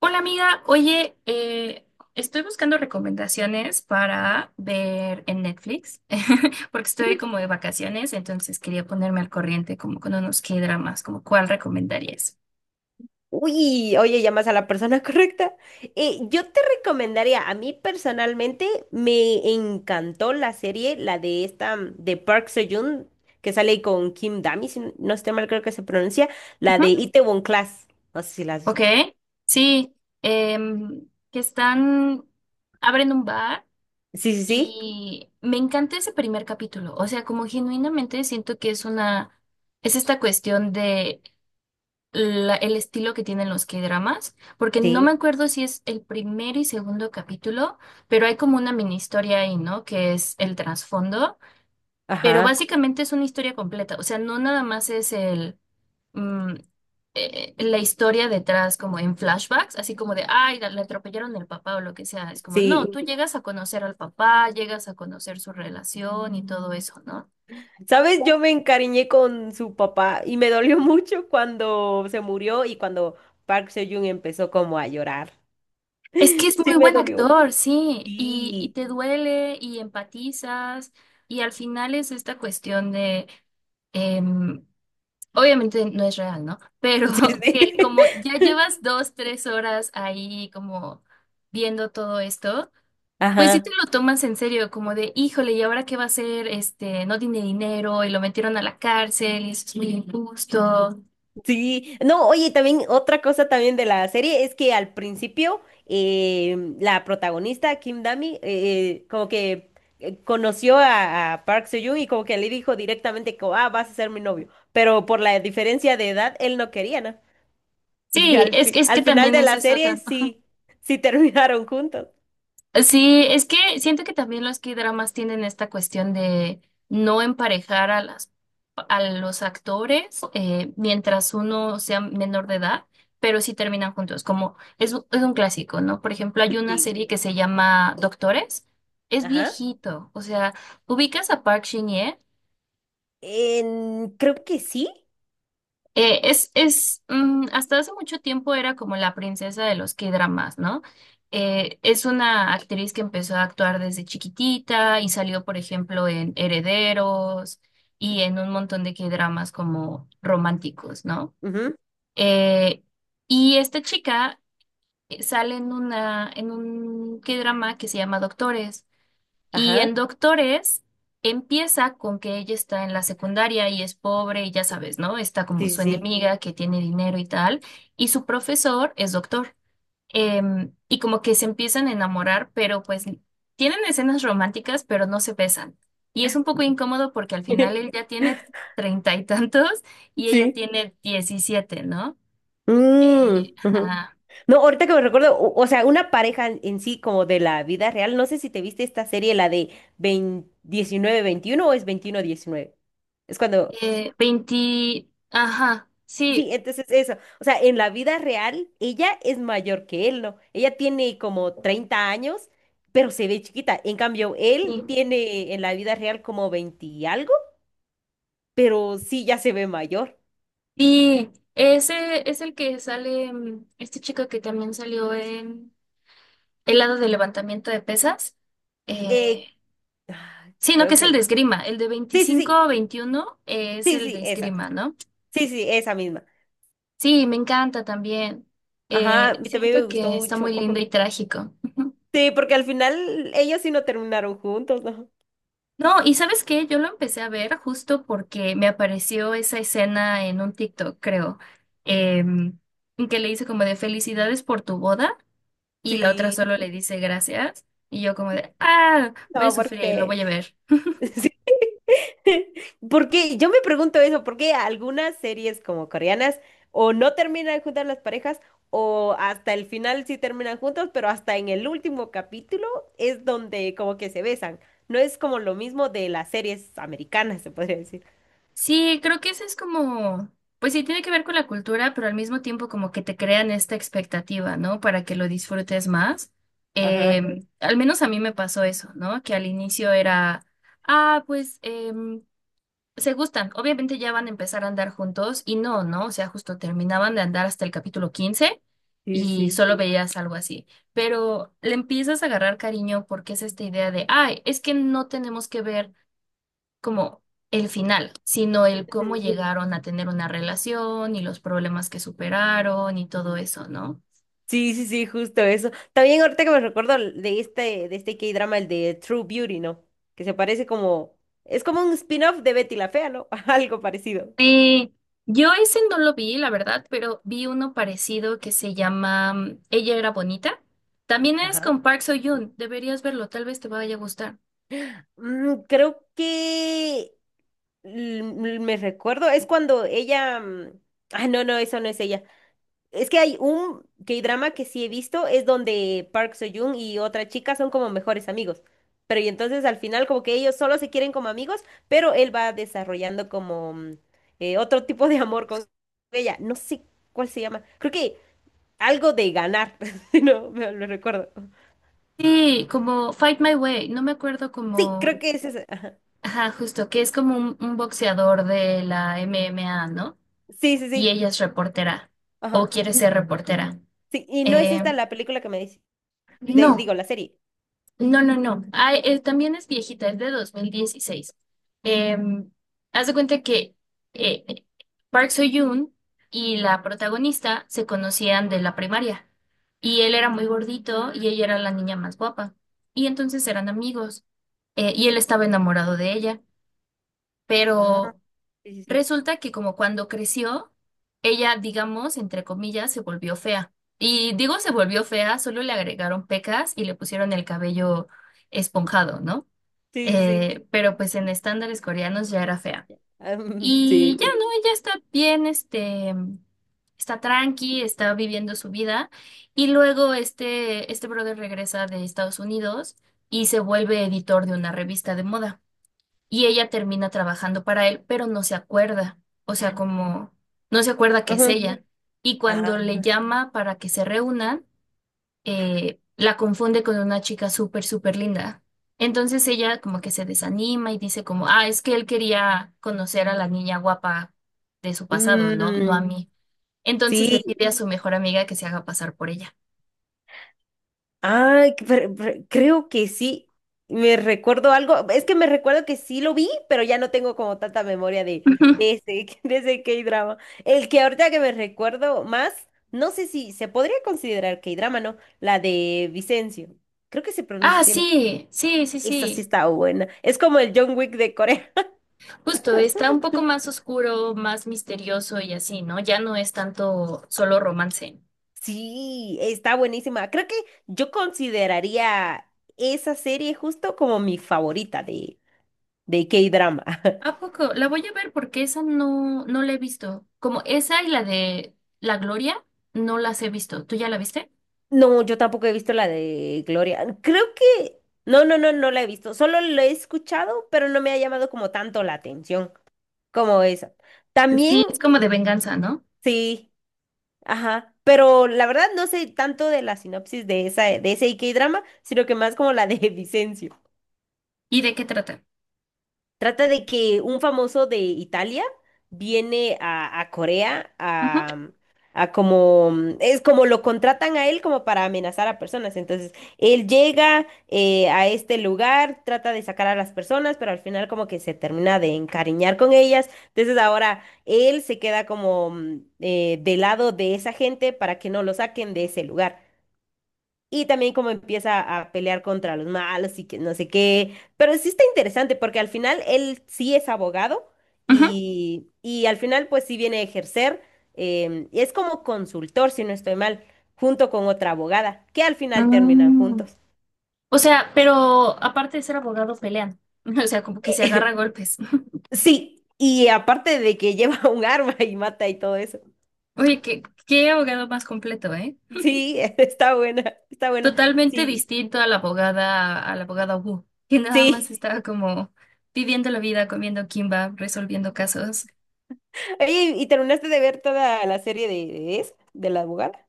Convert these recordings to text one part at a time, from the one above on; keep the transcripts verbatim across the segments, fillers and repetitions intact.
Hola amiga, oye, eh, estoy buscando recomendaciones para ver en Netflix, porque estoy como de vacaciones, entonces quería ponerme al corriente como con unos K-dramas, como cuál recomendarías. Uy, oye, llamas a la persona correcta. Eh, yo te recomendaría, a mí personalmente me encantó la serie, la de esta, mm, de Park Seo-joon, que sale con Kim Dami, si n- no estoy mal, creo que se pronuncia, la Ujú. de Itaewon Class. No sé si la has Ok, visto. sí, em, que están, abren un bar Sí, sí, sí. y me encanta ese primer capítulo, o sea, como genuinamente siento que es una, es esta cuestión de la- el estilo que tienen los K-dramas, porque no me Sí, acuerdo si es el primer y segundo capítulo, pero hay como una mini historia ahí, ¿no? Que es el trasfondo, pero ajá, básicamente es una historia completa, o sea, no nada más es el mm, eh, la historia detrás como en flashbacks, así como de, ay, la- le atropellaron el papá o lo que sea, es como, no, sí. tú llegas a conocer al papá, llegas a conocer su relación y todo eso, ¿no? ¿Sabes? Yo me encariñé con su papá y me dolió mucho cuando se murió y cuando Park Seo-joon empezó como a llorar. Es que es Sí, muy me buen dolió. actor, sí, y, y Sí. te duele y empatizas y al final es esta cuestión de, em, obviamente no es real, ¿no? Pero Sí, sí. que como ya llevas dos, tres horas ahí como viendo todo esto, pues sí te Ajá, lo tomas en serio, como de, híjole, ¿y ahora qué va a hacer? Este, no tiene dinero y lo metieron a la cárcel y eso es muy injusto. sí. No, oye, también otra cosa también de la serie es que al principio em, la protagonista, Kim Dami, eh, eh, como que eh, conoció a, a, Park Seo-joon y como que le dijo directamente como, ah, vas a ser mi novio. Pero por la diferencia de edad, él no quería, ¿no? Y Sí, al es, fi- es al que final también de es la eso. serie sí, sí terminaron juntos. Sí, es que siento que también los K-dramas tienen esta cuestión de no emparejar a las a los actores, eh, mientras uno sea menor de edad, pero sí terminan juntos, como es, un- es un clásico, ¿no? Por ejemplo, hay una Sí. serie que se llama Doctores, es Ajá. viejito, o sea, ubicas a Park Shin-hye. En- creo que sí. Eh, es, es, mm, hasta hace mucho tiempo era como la princesa de los K-dramas, ¿no? Eh, es una actriz que empezó a actuar desde chiquitita y salió, por ejemplo, en Herederos y en un montón de K-dramas como románticos, ¿no? Ujú. Eh, y esta chica eh, sale en una, en un K-drama que se llama Doctores. Y en Ajá. Doctores empieza con que ella está en la secundaria y es pobre y ya sabes, ¿no? Está como Sí, su sí, enemiga que tiene dinero y tal, y su profesor es doctor. Em, y como que se empiezan a enamorar, pero pues tienen escenas románticas, pero no se besan. Y es un poco incómodo porque al final sí. él ya tiene treinta y tantos y ella Sí. tiene diecisiete, ¿no? Mm, Eh, ujú. Ajá. No, ahorita que me recuerdo, o, o sea, una pareja en, en sí como de la vida real, no sé si te viste esta serie, la de diecinueve veintiuno o es veintiuno diecinueve. Es cuando... Eh, veinte, ajá, Sí, sí. entonces eso. O sea, en la vida real, ella es mayor que él, ¿no? Ella tiene como treinta años, pero se ve chiquita. En cambio, él sí. tiene en la vida real como veinte y algo, pero sí ya se ve mayor. Sí, ese es el que sale, mm, este chico que también salió en el lado de levantamiento de pesas. Eh, Eh, ah, sí, no, que creo es el que de sí. esgrima. El de Sí, sí, sí. veinticinco veintiuno es Sí, el sí, de esa. esgrima, ¿no? Sí, sí, esa misma. Sí, me encanta también. Ajá, Eh, y también Siento me gustó que está mucho. muy lindo y trágico. Ujú. Sí, porque al final ellos sí no terminaron juntos, ¿no? No, y ¿sabes qué? Yo lo empecé a ver justo porque me apareció esa escena en un TikTok, creo, em, en que le hice como de felicidades por tu boda. Y la otra Sí, solo le dice gracias y yo como de, ah, voy a no, sufrir, lo porque... voy a ver. Sí. Porque yo me pregunto eso, ¿por qué algunas series como coreanas o no terminan juntas las parejas o hasta el final sí terminan juntos, pero hasta en el último capítulo es donde como que se besan? No es como lo mismo de las series americanas, se podría decir. Sí, creo que eso es como, pues sí, tiene que ver con la cultura, pero al mismo tiempo como que te crean esta expectativa, ¿no? Para que lo disfrutes más. Ajá, Eh, al menos a mí me pasó eso, ¿no? Que al inicio era, ah, pues, eh, se gustan, obviamente ya van a empezar a andar juntos y no, ¿no? O sea, justo terminaban de andar hasta el capítulo quince sí, y sí. solo veías algo así, pero le empiezas a agarrar cariño porque es esta idea de, ay, es que no tenemos que ver como el final, sino el cómo llegaron a tener una relación y los problemas que superaron y todo eso, ¿no? Sí, sí, sí, justo eso. También ahorita que me recuerdo de este, de este K-drama, el de True Beauty, ¿no? Que se parece como, es como un spin-off de Betty la Fea, ¿no? Algo parecido. Eh, yo ese no lo vi, la verdad, pero vi uno parecido que se llama, mm, Ella era bonita. También es Ajá. con Park Soo-yoon. Deberías verlo, tal vez te vaya a gustar. Mm, creo que l- l- me recuerdo, es cuando ella, mm, ah, no, no, eso no es ella. Es que hay un K-drama que sí he visto, es donde Park Soo-joon y otra chica son como mejores amigos. Pero y entonces al final como que ellos solo se quieren como amigos, pero él va desarrollando como mm, eh, otro tipo de amor con ella. No sé cuál se llama. Creo que algo de ganar. No, me lo recuerdo. Sí, como Fight My Way. No me acuerdo Sí, creo como... que es esa. Ajá. Ajá, justo, que es como un, un boxeador de la M M A, ¿no? Sí, sí, Y sí. ella es reportera o Ajá. quiere N- ser reportera. Sí, y no es Eh, esta la película que me dice. De, digo, no. la serie. No, no, no. Ay, eh, también es viejita, es de dos mil dieciséis. Em, Haz de cuenta que eh, eh, Park So-yoon y la protagonista se conocían de la primaria. Y él era muy gordito y ella era la niña más guapa. Y entonces eran amigos, eh, y él estaba enamorado de ella. Ah, Pero sí, sí, sí. resulta que como cuando creció, ella, digamos, entre comillas, se volvió fea. Y digo se volvió fea, solo le agregaron pecas y le pusieron el cabello esponjado, ¿no? Sí, sí, Eh, pero pues en sí. estándares coreanos ya era fea. Ah, mm, Y sí. ya, ¿no? Ella está bien, este, está tranqui, está viviendo su vida. Y luego este, este brother regresa de Estados Unidos y se vuelve editor de una revista de moda y ella termina trabajando para él, pero no se acuerda, o sea, como no se acuerda que es Ajá. ella. Y Ah, cuando le llama para que se reúnan, eh, la confunde con una chica súper, súper linda. Entonces ella como que se desanima y dice como, ah, es que él quería conocer a la niña guapa de su pasado, ¿no? No a mm, mí. Entonces le sí, pide a su mejor amiga que se haga pasar por ella. ay, que- pero- pero creo que sí. Me recuerdo algo, es que me recuerdo que sí lo vi, pero ya no tengo como tanta memoria de, Ujú. de ese, de ese K-drama. El que ahorita que me recuerdo más, no sé si se podría considerar K-drama, ¿no? La de Vicencio. Creo que se pronuncia Ah, así, ¿no? sí, sí, sí, Esa sí sí. está buena. Es como el John Wick de Corea. Justo, está un poco más oscuro, más misterioso y así, ¿no? Ya no es tanto solo romance. Sí, está buenísima. Creo que yo consideraría esa serie justo como mi favorita de K-drama. ¿A poco? La voy a ver porque esa no, no la he visto. Como esa y la de La Gloria, no las he visto. ¿Tú ya la viste? No, yo tampoco he visto la de Gloria. Creo que... No, no, no, no la he visto. Solo la he escuchado, pero no me ha llamado como tanto la atención como esa. También, Sí, es como de venganza, ¿no? sí, ajá. Pero la verdad no sé tanto de la sinopsis de esa, de ese K-drama, sino que más como la de Vicencio. ¿Y de qué trata? Trata de que un famoso de Italia viene a, a Corea Ujú, a, a como, mm, es como lo contratan a él como para amenazar a personas. Entonces, él llega eh, a este lugar, trata de sacar a las personas, pero al final como que se termina de encariñar con ellas. Entonces, ahora él se queda como mm, eh, del lado de esa gente para que no lo saquen de ese lugar. Y también como empieza a pelear contra los malos y que no sé qué. Pero sí está interesante porque al final él sí es abogado ujú. y, y, al final pues sí viene a ejercer. em, y es como consultor, si no estoy mal, junto con otra abogada, que al final terminan Mm. juntos. O sea, pero aparte de ser abogado, pelean. O sea, como que se agarra a golpes. Sí, y aparte de que lleva un arma y mata y todo eso. Oye, qué, qué abogado más completo, ¿eh? Sí, está buena, está buena. Totalmente Sí, distinto a la abogada, a la abogada Wu, que nada más sí. estaba como viviendo la vida, comiendo kimba, resolviendo casos. Oye, ¿y terminaste de ver toda la serie de, de, esa, de la abogada?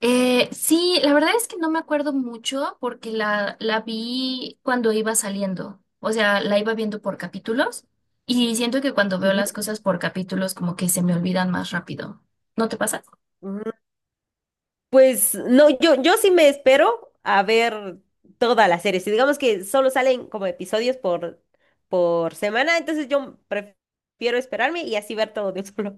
Eh, sí, la verdad es que no me acuerdo mucho porque la, la vi cuando iba saliendo, o sea, la iba viendo por capítulos y siento que cuando veo las cosas por capítulos como que se me olvidan más rápido. ¿No te pasa? Ujú. Pues no, yo, yo sí me espero a ver toda la serie. Si digamos que solo salen como episodios por, por semana, entonces yo prefiero esperarme y así ver todo de un solo.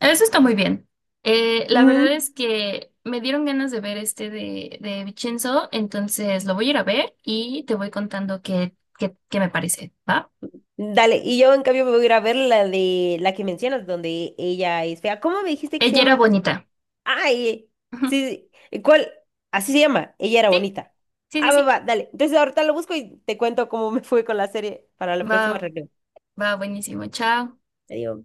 Eso está muy bien. Eh, la verdad Ujú. es que me dieron ganas de ver este de, de Vincenzo, entonces lo voy a ir a ver y te voy contando qué, qué, qué me parece, ¿va? Dale, y yo en cambio me voy a ir a ver la de la que mencionas, donde ella es fea. ¿Cómo me dijiste que se Ella era llama la serie? bonita. Ay, Ujú. sí, sí, ¿cuál? Así se llama, ella era Sí, bonita. sí, Ah, sí, va, sí. va, dale. Entonces ahorita lo busco y te cuento cómo me fue con la serie para la próxima Va, reunión. va buenísimo. Chao. Adiós.